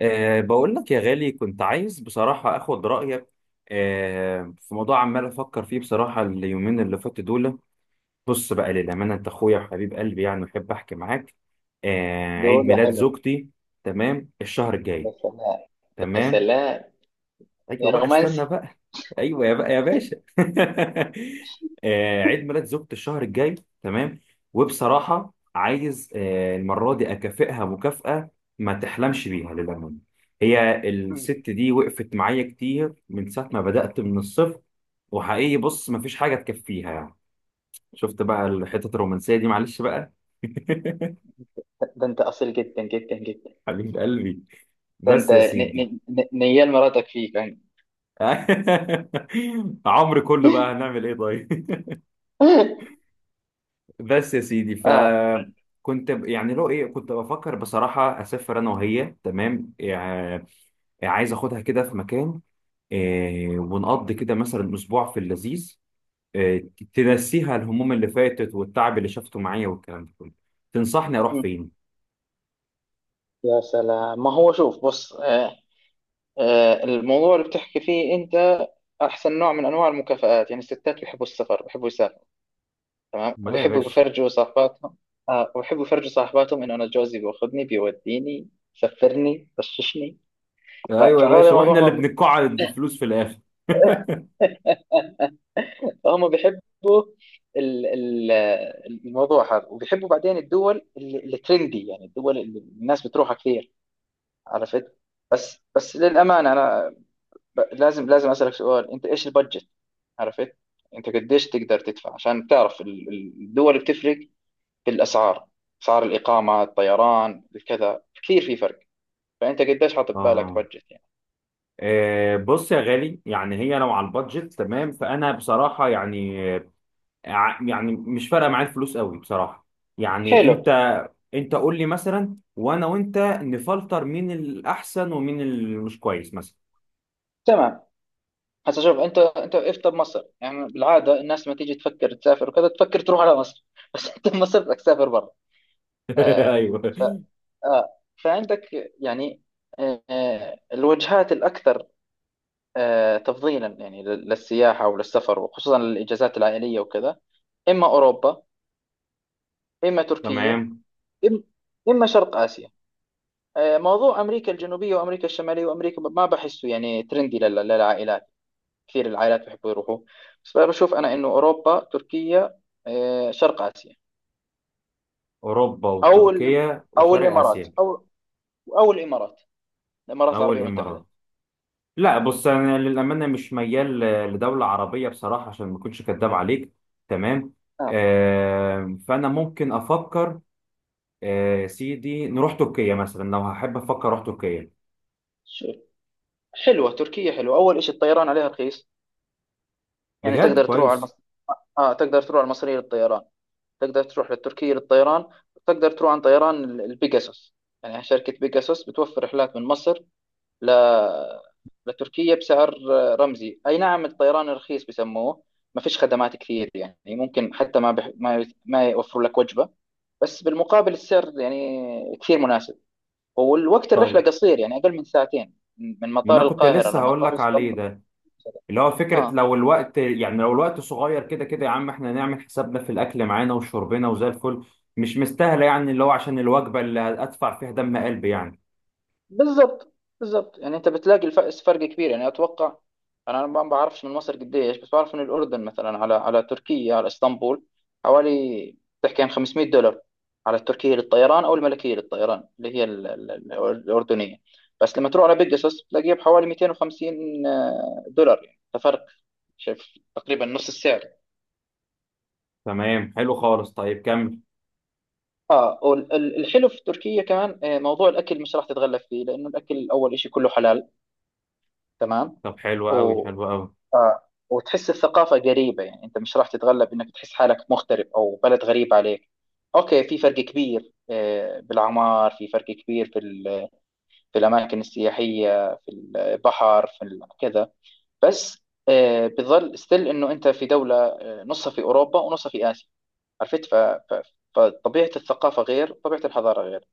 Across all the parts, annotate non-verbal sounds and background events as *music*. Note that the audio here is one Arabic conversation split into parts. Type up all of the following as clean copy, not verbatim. بقول لك يا غالي، كنت عايز بصراحة أخد رأيك في موضوع عمال أفكر فيه بصراحة اليومين اللي فاتوا دول. بص بقى للأمانة، أنت أخويا وحبيب قلبي، يعني أحب أحكي معاك. عيد دول ميلاد حلو. زوجتي. تمام، الشهر يا الجاي. سلام. يا تمام. سلام. يا ايوه بقى، استنى رومانسي. بقى. ايوه يا بقى يا باشا *laughs* عيد ميلاد زوجتي الشهر الجاي. تمام. وبصراحه عايز المره دي اكافئها مكافاه ما تحلمش بيها للامانه. هي مم. الست دي وقفت معايا كتير من ساعه ما بدات من الصفر. وحقيقي، بص، ما فيش حاجه تكفيها يعني. شفت بقى الحتة الرومانسيه دي، معلش بقى. *laughs* ده انت اصيل جدا جدا جدا. حبيب قلبي. ده بس انت يا سيدي. نيال مراتك فيك يعني. *laughs* عمري كله بقى، هنعمل ايه طيب. *laughs* بس يا سيدي، اه. فكنت يعني لو ايه، كنت بفكر بصراحة اسافر انا وهي تمام يعني. عايز اخدها كده في مكان، إيه، ونقضي كده مثلا اسبوع في اللذيذ، إيه، تنسيها الهموم اللي فاتت والتعب اللي شافته معايا والكلام ده كله. تنصحني اروح مم. فين؟ يا سلام، ما هو شوف بص آه، آه الموضوع اللي بتحكي فيه انت احسن نوع من انواع المكافآت، يعني الستات بيحبوا السفر بيحبوا يسافروا. تمام، امال إيه يا وبيحبوا باشا. يفرجوا صاحباتهم. آه وبيحبوا يفرجوا صاحباتهم انه انا جوزي بياخذني بيوديني سفرني بششني. ايوه يا فهذا باشا، الموضوع واحنا اللي بنقعد فلوس في الاخر. *laughs* هم بيحبوا. ال- ال- الموضوع هذا، وبيحبوا بعدين الدول اللي ترندي، يعني الدول اللي الناس بتروحها كثير. عرفت؟ بس بس للأمانة أنا لازم أسألك سؤال، أنت إيش البادجت؟ عرفت؟ أنت قديش تقدر تدفع؟ عشان تعرف الدول بتفرق في الأسعار، أسعار الإقامة الطيران الكذا، كثير في فرق. فأنت قديش حاطط بالك آه، بادجت يعني؟ آه، بص يا غالي، يعني هي لو على البادجت تمام فأنا بصراحة يعني يعني مش فارقه معايا الفلوس قوي بصراحه، يعني حلو. انت قول لي مثلا، وانا وانت نفلتر مين الاحسن ومين اللي مش كويس مثلا. تمام. هسا شوف انت انت وقفت بمصر، يعني بالعاده الناس لما تيجي تفكر تسافر وكذا تفكر تروح على مصر *laughs* بس انت بمصر بدك تسافر برا. *laughs* آه. ايوه. ف آه فعندك يعني آه آه، الوجهات الاكثر آه تفضيلا يعني للسياحه وللسفر، وخصوصا للاجازات العائليه وكذا. اما اوروبا، اما تركيا، تمام. إم- اما شرق اسيا. آه موضوع امريكا الجنوبيه وامريكا الشماليه وامريكا ما بحسه يعني ترندي للعائلات، كثير العائلات بيحبوا يروحوا. بس بشوف أنا إنه أوروبا، تركيا، آه، شرق آسيا، اوروبا أو الإم- وتركيا أو وشرق الإمارات، اسيا، أو الإمارات، الإمارات او العربية المتحدة. الامارات. لا، م. بص انا للامانه مش ميال لدوله عربيه بصراحه، عشان ما اكونش كداب عليك. تمام. آه. فانا ممكن افكر، سيدي، نروح تركيا مثلا، لو هحب افكر اروح تركيا. شو، حلوة تركيا حلوة، أول شيء الطيران عليها رخيص. يعني بجد تقدر تروح على كويس. آه تقدر تروح على المصرية للطيران، تقدر تروح للتركية للطيران، تقدر تروح عن طيران البيجاسوس. يعني شركة بيجاسوس بتوفر رحلات من مصر ل... لتركيا بسعر رمزي. أي نعم الطيران رخيص بسموه، ما فيش خدمات كثير، يعني ممكن حتى ما بح... ما ما يوفروا لك وجبة، بس بالمقابل السعر يعني كثير مناسب. والوقت الرحلة طيب، قصير، يعني أقل من ساعتين من ما مطار انا كنت القاهرة لسه هقول لمطار لك عليه اسطنبول. ده، اللي هو فكره اه لو الوقت، يعني لو الوقت صغير كده، كده يا عم احنا نعمل حسابنا في الاكل معانا وشربنا وزي الفل. مش مستاهله يعني، اللي هو عشان الوجبه اللي ادفع فيها دم قلبي يعني. بالظبط. بالظبط، يعني انت بتلاقي الفرق فرق كبير يعني. اتوقع انا ما بعرفش من مصر قديش، بس بعرف ان الاردن مثلا على على تركيا على اسطنبول حوالي، تحكي عن 500 دولار على التركيه للطيران او الملكيه للطيران اللي هي الاردنيه. بس لما تروح على بيجاسوس بتلاقيها بحوالي 250 دولار يعني. ففرق شايف تقريبا نص السعر. تمام، حلو خالص، طيب كمل. اه والحلو في تركيا كمان آه، موضوع الاكل مش راح تتغلب فيه لانه الاكل اول شيء كله حلال. تمام. طب حلو قوي آه حلو قوي. وتحس الثقافة قريبة، يعني أنت مش راح تتغلب إنك تحس حالك مغترب أو بلد غريب عليك. أوكي في فرق كبير آه، بالأعمار، في فرق كبير في في الأماكن السياحية في البحر في كذا. بس آه، بتظل ستيل إنه أنت في دولة آه، نصها في أوروبا ونصها في آسيا. عرفت؟ ف- فطبيعة الثقافة غير، طبيعة الحضارة غير،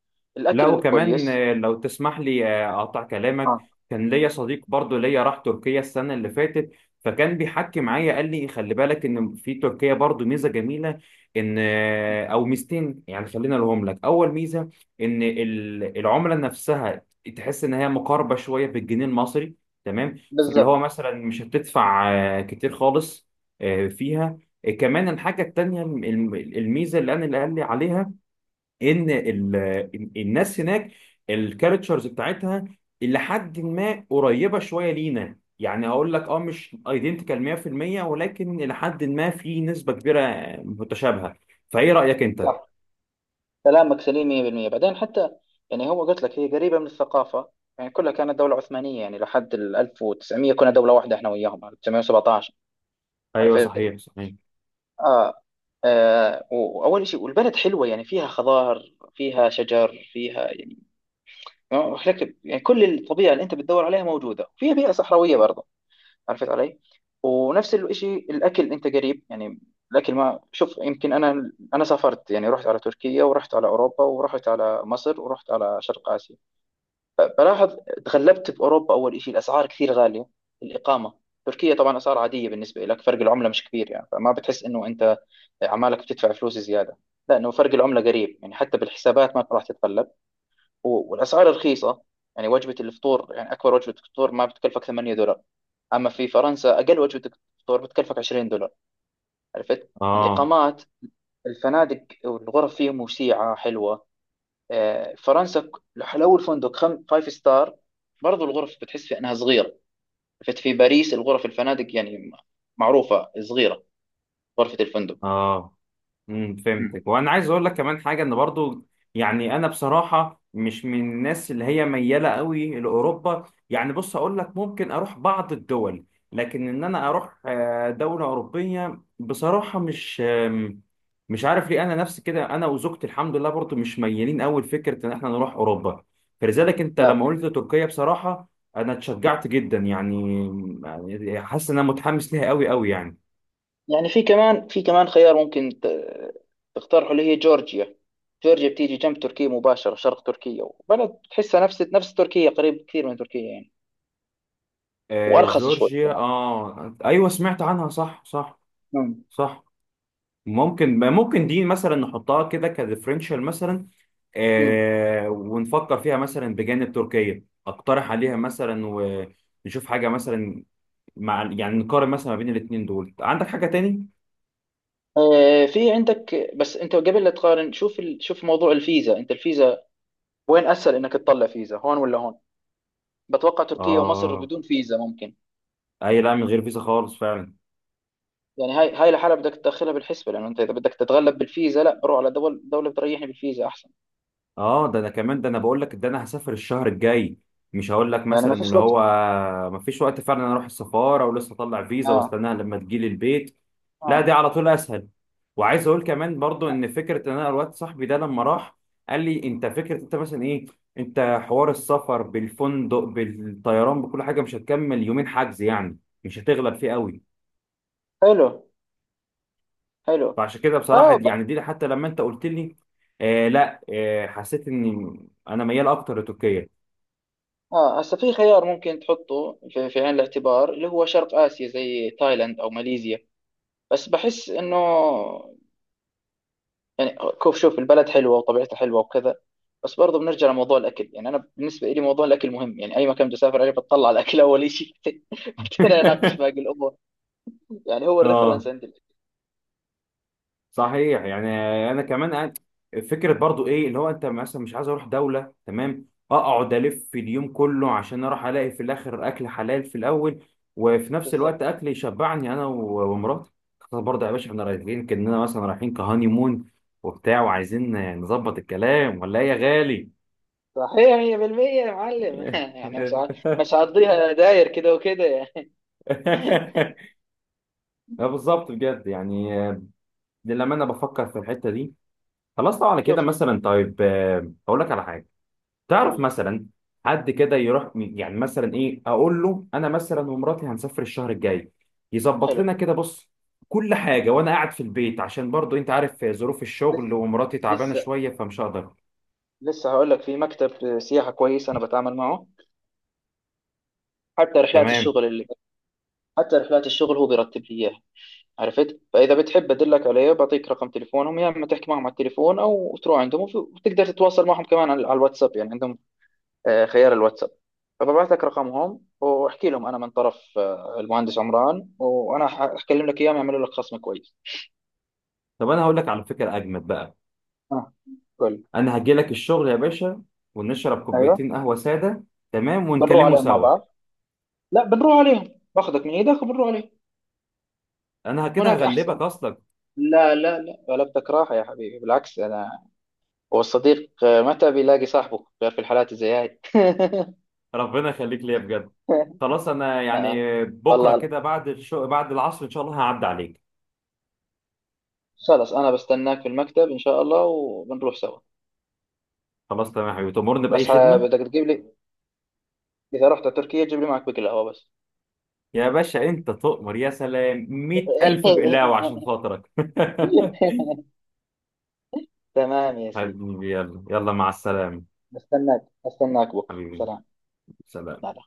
لا الأكل وكمان، كويس. لو تسمح لي، اقطع كلامك. اه كان ليا صديق برضو ليا راح تركيا السنه اللي فاتت، فكان بيحكي معايا قال لي خلي بالك ان في تركيا برضو ميزه جميله. ان او ميزتين، يعني خلينا لهم لك اول ميزه. ان العمله نفسها تحس ان هي مقاربه شويه بالجنيه المصري. تمام، فاللي هو بالضبط. مثلا مش هتدفع كتير خالص فيها. كمان الحاجه التانيه الميزه اللي قال لي عليها، ان الناس هناك، الكاركترز بتاعتها الى حد ما قريبه شويه لينا، يعني اقول لك، مش ايدنتيكال 100%، ولكن الى حد ما في نسبه كبيره متشابهه. فايه رايك انت؟ صح، كلامك سليم 100%. بعدين حتى، يعني هو قلت لك هي قريبة من الثقافة، يعني كلها كانت دولة عثمانية، يعني لحد ال 1900 كنا دولة واحدة احنا وياهم 1917. ايوه، عرفت؟ صحيح صحيح. اه, آه واول شيء والبلد حلوة، يعني فيها خضار فيها شجر فيها يعني. يعني كل الطبيعة اللي انت بتدور عليها موجودة فيها، بيئة صحراوية برضه. عرفت علي؟ ونفس الشيء الاكل انت قريب يعني. الاكل ما شوف يمكن انا انا سافرت يعني، رحت على تركيا ورحت على اوروبا ورحت على مصر ورحت على شرق اسيا. صراحة تغلبت بأوروبا، أول شيء الأسعار كثير غالية، الإقامة. تركيا طبعا أسعار عادية بالنسبة لك، فرق العملة مش كبير يعني، فما بتحس إنه أنت عمالك بتدفع فلوس زيادة، لأنه فرق العملة قريب، يعني حتى بالحسابات ما راح تتقلب. والأسعار رخيصة. يعني وجبة الفطور، يعني أكبر وجبة فطور ما بتكلفك 8 دولار. أما في فرنسا أقل وجبة فطور بتكلفك 20 دولار. عرفت اه، الإقامات؟ الفنادق والغرف فيهم وسيعة حلوة. آه، فرنسا لو الفندق فايف ستار، برضو الغرف بتحس في انها صغيره. فت في باريس الغرف الفنادق يعني معروفه صغيره، غرفه الفندق. اه، مم. فهمتك. وانا عايز اقول لك كمان حاجه، ان برضو يعني انا بصراحه مش من الناس اللي هي مياله قوي لاوروبا، يعني بص اقول لك، ممكن اروح بعض الدول، لكن ان انا اروح دوله اوروبيه بصراحه، مش مش عارف ليه، انا نفسي كده انا وزوجتي الحمد لله برضو مش ميالين قوي لفكره ان احنا نروح اوروبا. فلذلك انت آه. لما قلت تركيا، بصراحه انا اتشجعت جدا يعني، يعني حاسس ان انا متحمس ليها قوي قوي يعني. يعني في كمان في كمان خيار ممكن تقترحه، اللي هي جورجيا. جورجيا بتيجي جنب تركيا مباشره شرق تركيا، وبلد تحسها نفس نفس تركيا، قريب كثير من تركيا يعني. وارخص شوي جورجيا، كمان. اه ايوه، سمعت عنها، صح صح. مم. صح. ممكن دي مثلا نحطها كده كديفرنشال مثلا. مم. ونفكر فيها مثلا بجانب تركيا، اقترح عليها مثلا ونشوف حاجه مثلا مع، يعني نقارن مثلا ما بين الاثنين دول. عندك حاجه تاني؟ آه، في عندك، بس انت قبل لا تقارن شوف شوف موضوع الفيزا. انت الفيزا وين اسهل انك تطلع فيزا، هون ولا هون؟ بتوقع تركيا ومصر اه، بدون فيزا ممكن. اي، لا، من غير فيزا خالص فعلا. يعني هاي هاي الحالة بدك تدخلها بالحسبة، لأنه أنت إذا بدك تتغلب بالفيزا لا، روح على دول دولة بتريحني بالفيزا أحسن. اه، ده انا كمان، ده انا بقول لك، ده انا هسافر الشهر الجاي. مش هقول لك يعني ما مثلا فيش اللي وقت. هو، مفيش وقت فعلا. أنا اروح السفاره ولسه اطلع فيزا آه. واستناها لما تجيلي البيت؟ لا، آه. دي على طول اسهل. وعايز اقول كمان برضو، آه. ان فكره ان انا الواد صاحبي ده لما راح قال لي انت فكره انت مثلا ايه، انت حوار السفر بالفندق بالطيران بكل حاجه مش هتكمل يومين حجز يعني، مش هتغلب فيه قوي. حلو. حلو. فعشان كده بصراحه، آه ب... دي يعني دي حتى لما انت قلت لي لا، حسيت اني انا ميال اكتر لتركيا. آه هسا في خيار ممكن تحطه في، في عين الاعتبار، اللي هو شرق آسيا زي تايلاند أو ماليزيا. بس بحس إنه، يعني شوف البلد حلوه وطبيعتها حلوه وكذا. بس برضه بنرجع لموضوع الاكل، يعني انا بالنسبه لي موضوع الاكل مهم يعني، اي مكان بدي اسافر عليه بتطلع على الاكل اول شيء *laughs* بعدين اناقش باقي *laughs* الامور. يعني هو اه الريفرنس عندي الأكل. صحيح يعني. انا كمان فكره برضو ايه، اللي هو انت مثلا مش عايز اروح دوله تمام، اقعد الف في اليوم كله عشان اروح الاقي في الاخر اكل حلال في الاول، وفي نفس بالضبط. الوقت اكل يشبعني انا ومراتي. خلاص برضه يا باشا، احنا رايحين كاننا مثلا رايحين كهاني مون وبتاع، وعايزين نظبط الكلام ولا ايه يا غالي؟ صحيح 100% يا معلم *laughs* يعني *laughs* مش هقضيها داير كده وكده يعني. اه، بالظبط بجد، يعني لما انا بفكر في الحته دي خلاص، طبعا شوف كده إيه- مثلا. طيب، اقول لك على حاجه. تعرف يلا. مثلا حد كده يروح، يعني مثلا ايه، اقول له انا مثلا ومراتي هنسافر الشهر الجاي، يظبط حلو. لنا كده، بص، كل حاجه، وانا قاعد في البيت؟ عشان برضو انت عارف ظروف لسه الشغل ومراتي تعبانه لسه شويه، فمش هقدر. لسه هقول لك في مكتب سياحه كويس انا بتعامل معه، حتى رحلات تمام. الشغل اللي، حتى رحلات الشغل هو بيرتب لي اياها. عرفت؟ فاذا بتحب ادلك عليه، بعطيك رقم تليفونهم يا اما تحكي معهم على التليفون او تروح عندهم، وتقدر تتواصل معهم كمان على على الواتساب، يعني عندهم آه، خيار الواتساب. فببعث لك رقمهم، واحكي لهم انا من طرف آه، المهندس عمران. وانا حكلم لك اياهم يعملوا لك خصم كويس. طب انا هقول لك على فكره اجمد بقى، اه قول. انا هجي لك الشغل يا باشا، ونشرب ايوه. كوبايتين قهوه ساده. تمام، بنروح ونكلمه عليهم مع سوا. بعض. لا بنروح عليهم، باخذك من ايدك وبنروح عليهم، انا كده هناك هغلبك احسن. اصلا. لا لا لا، غلبتك راحه يا حبيبي، بالعكس انا، هو الصديق آه، متى بيلاقي صاحبه غير في الحالات زي هاي *laughs* ربنا يخليك ليا بجد. خلاص، انا آه. يعني بكره والله. كده بعد الشغل بعد العصر ان شاء الله هعدي عليك. خلاص انا بستناك في المكتب ان شاء الله وبنروح سوا. خلاص تمام يا حبيبي، تأمرني بس بأي خدمة. بدك تجيب لي، اذا رحت على تركيا جيب لي معك بكل قهوة بس. يا باشا أنت تؤمر، يا سلام، 100,000 بقلاوة *laughs* عشان خاطرك. تمام يا *laughs* سيدي. حبيبي يلا يلا، مع السلامة. بستناك استناك بكره، حبيبي. سلام. سلام. لا لا.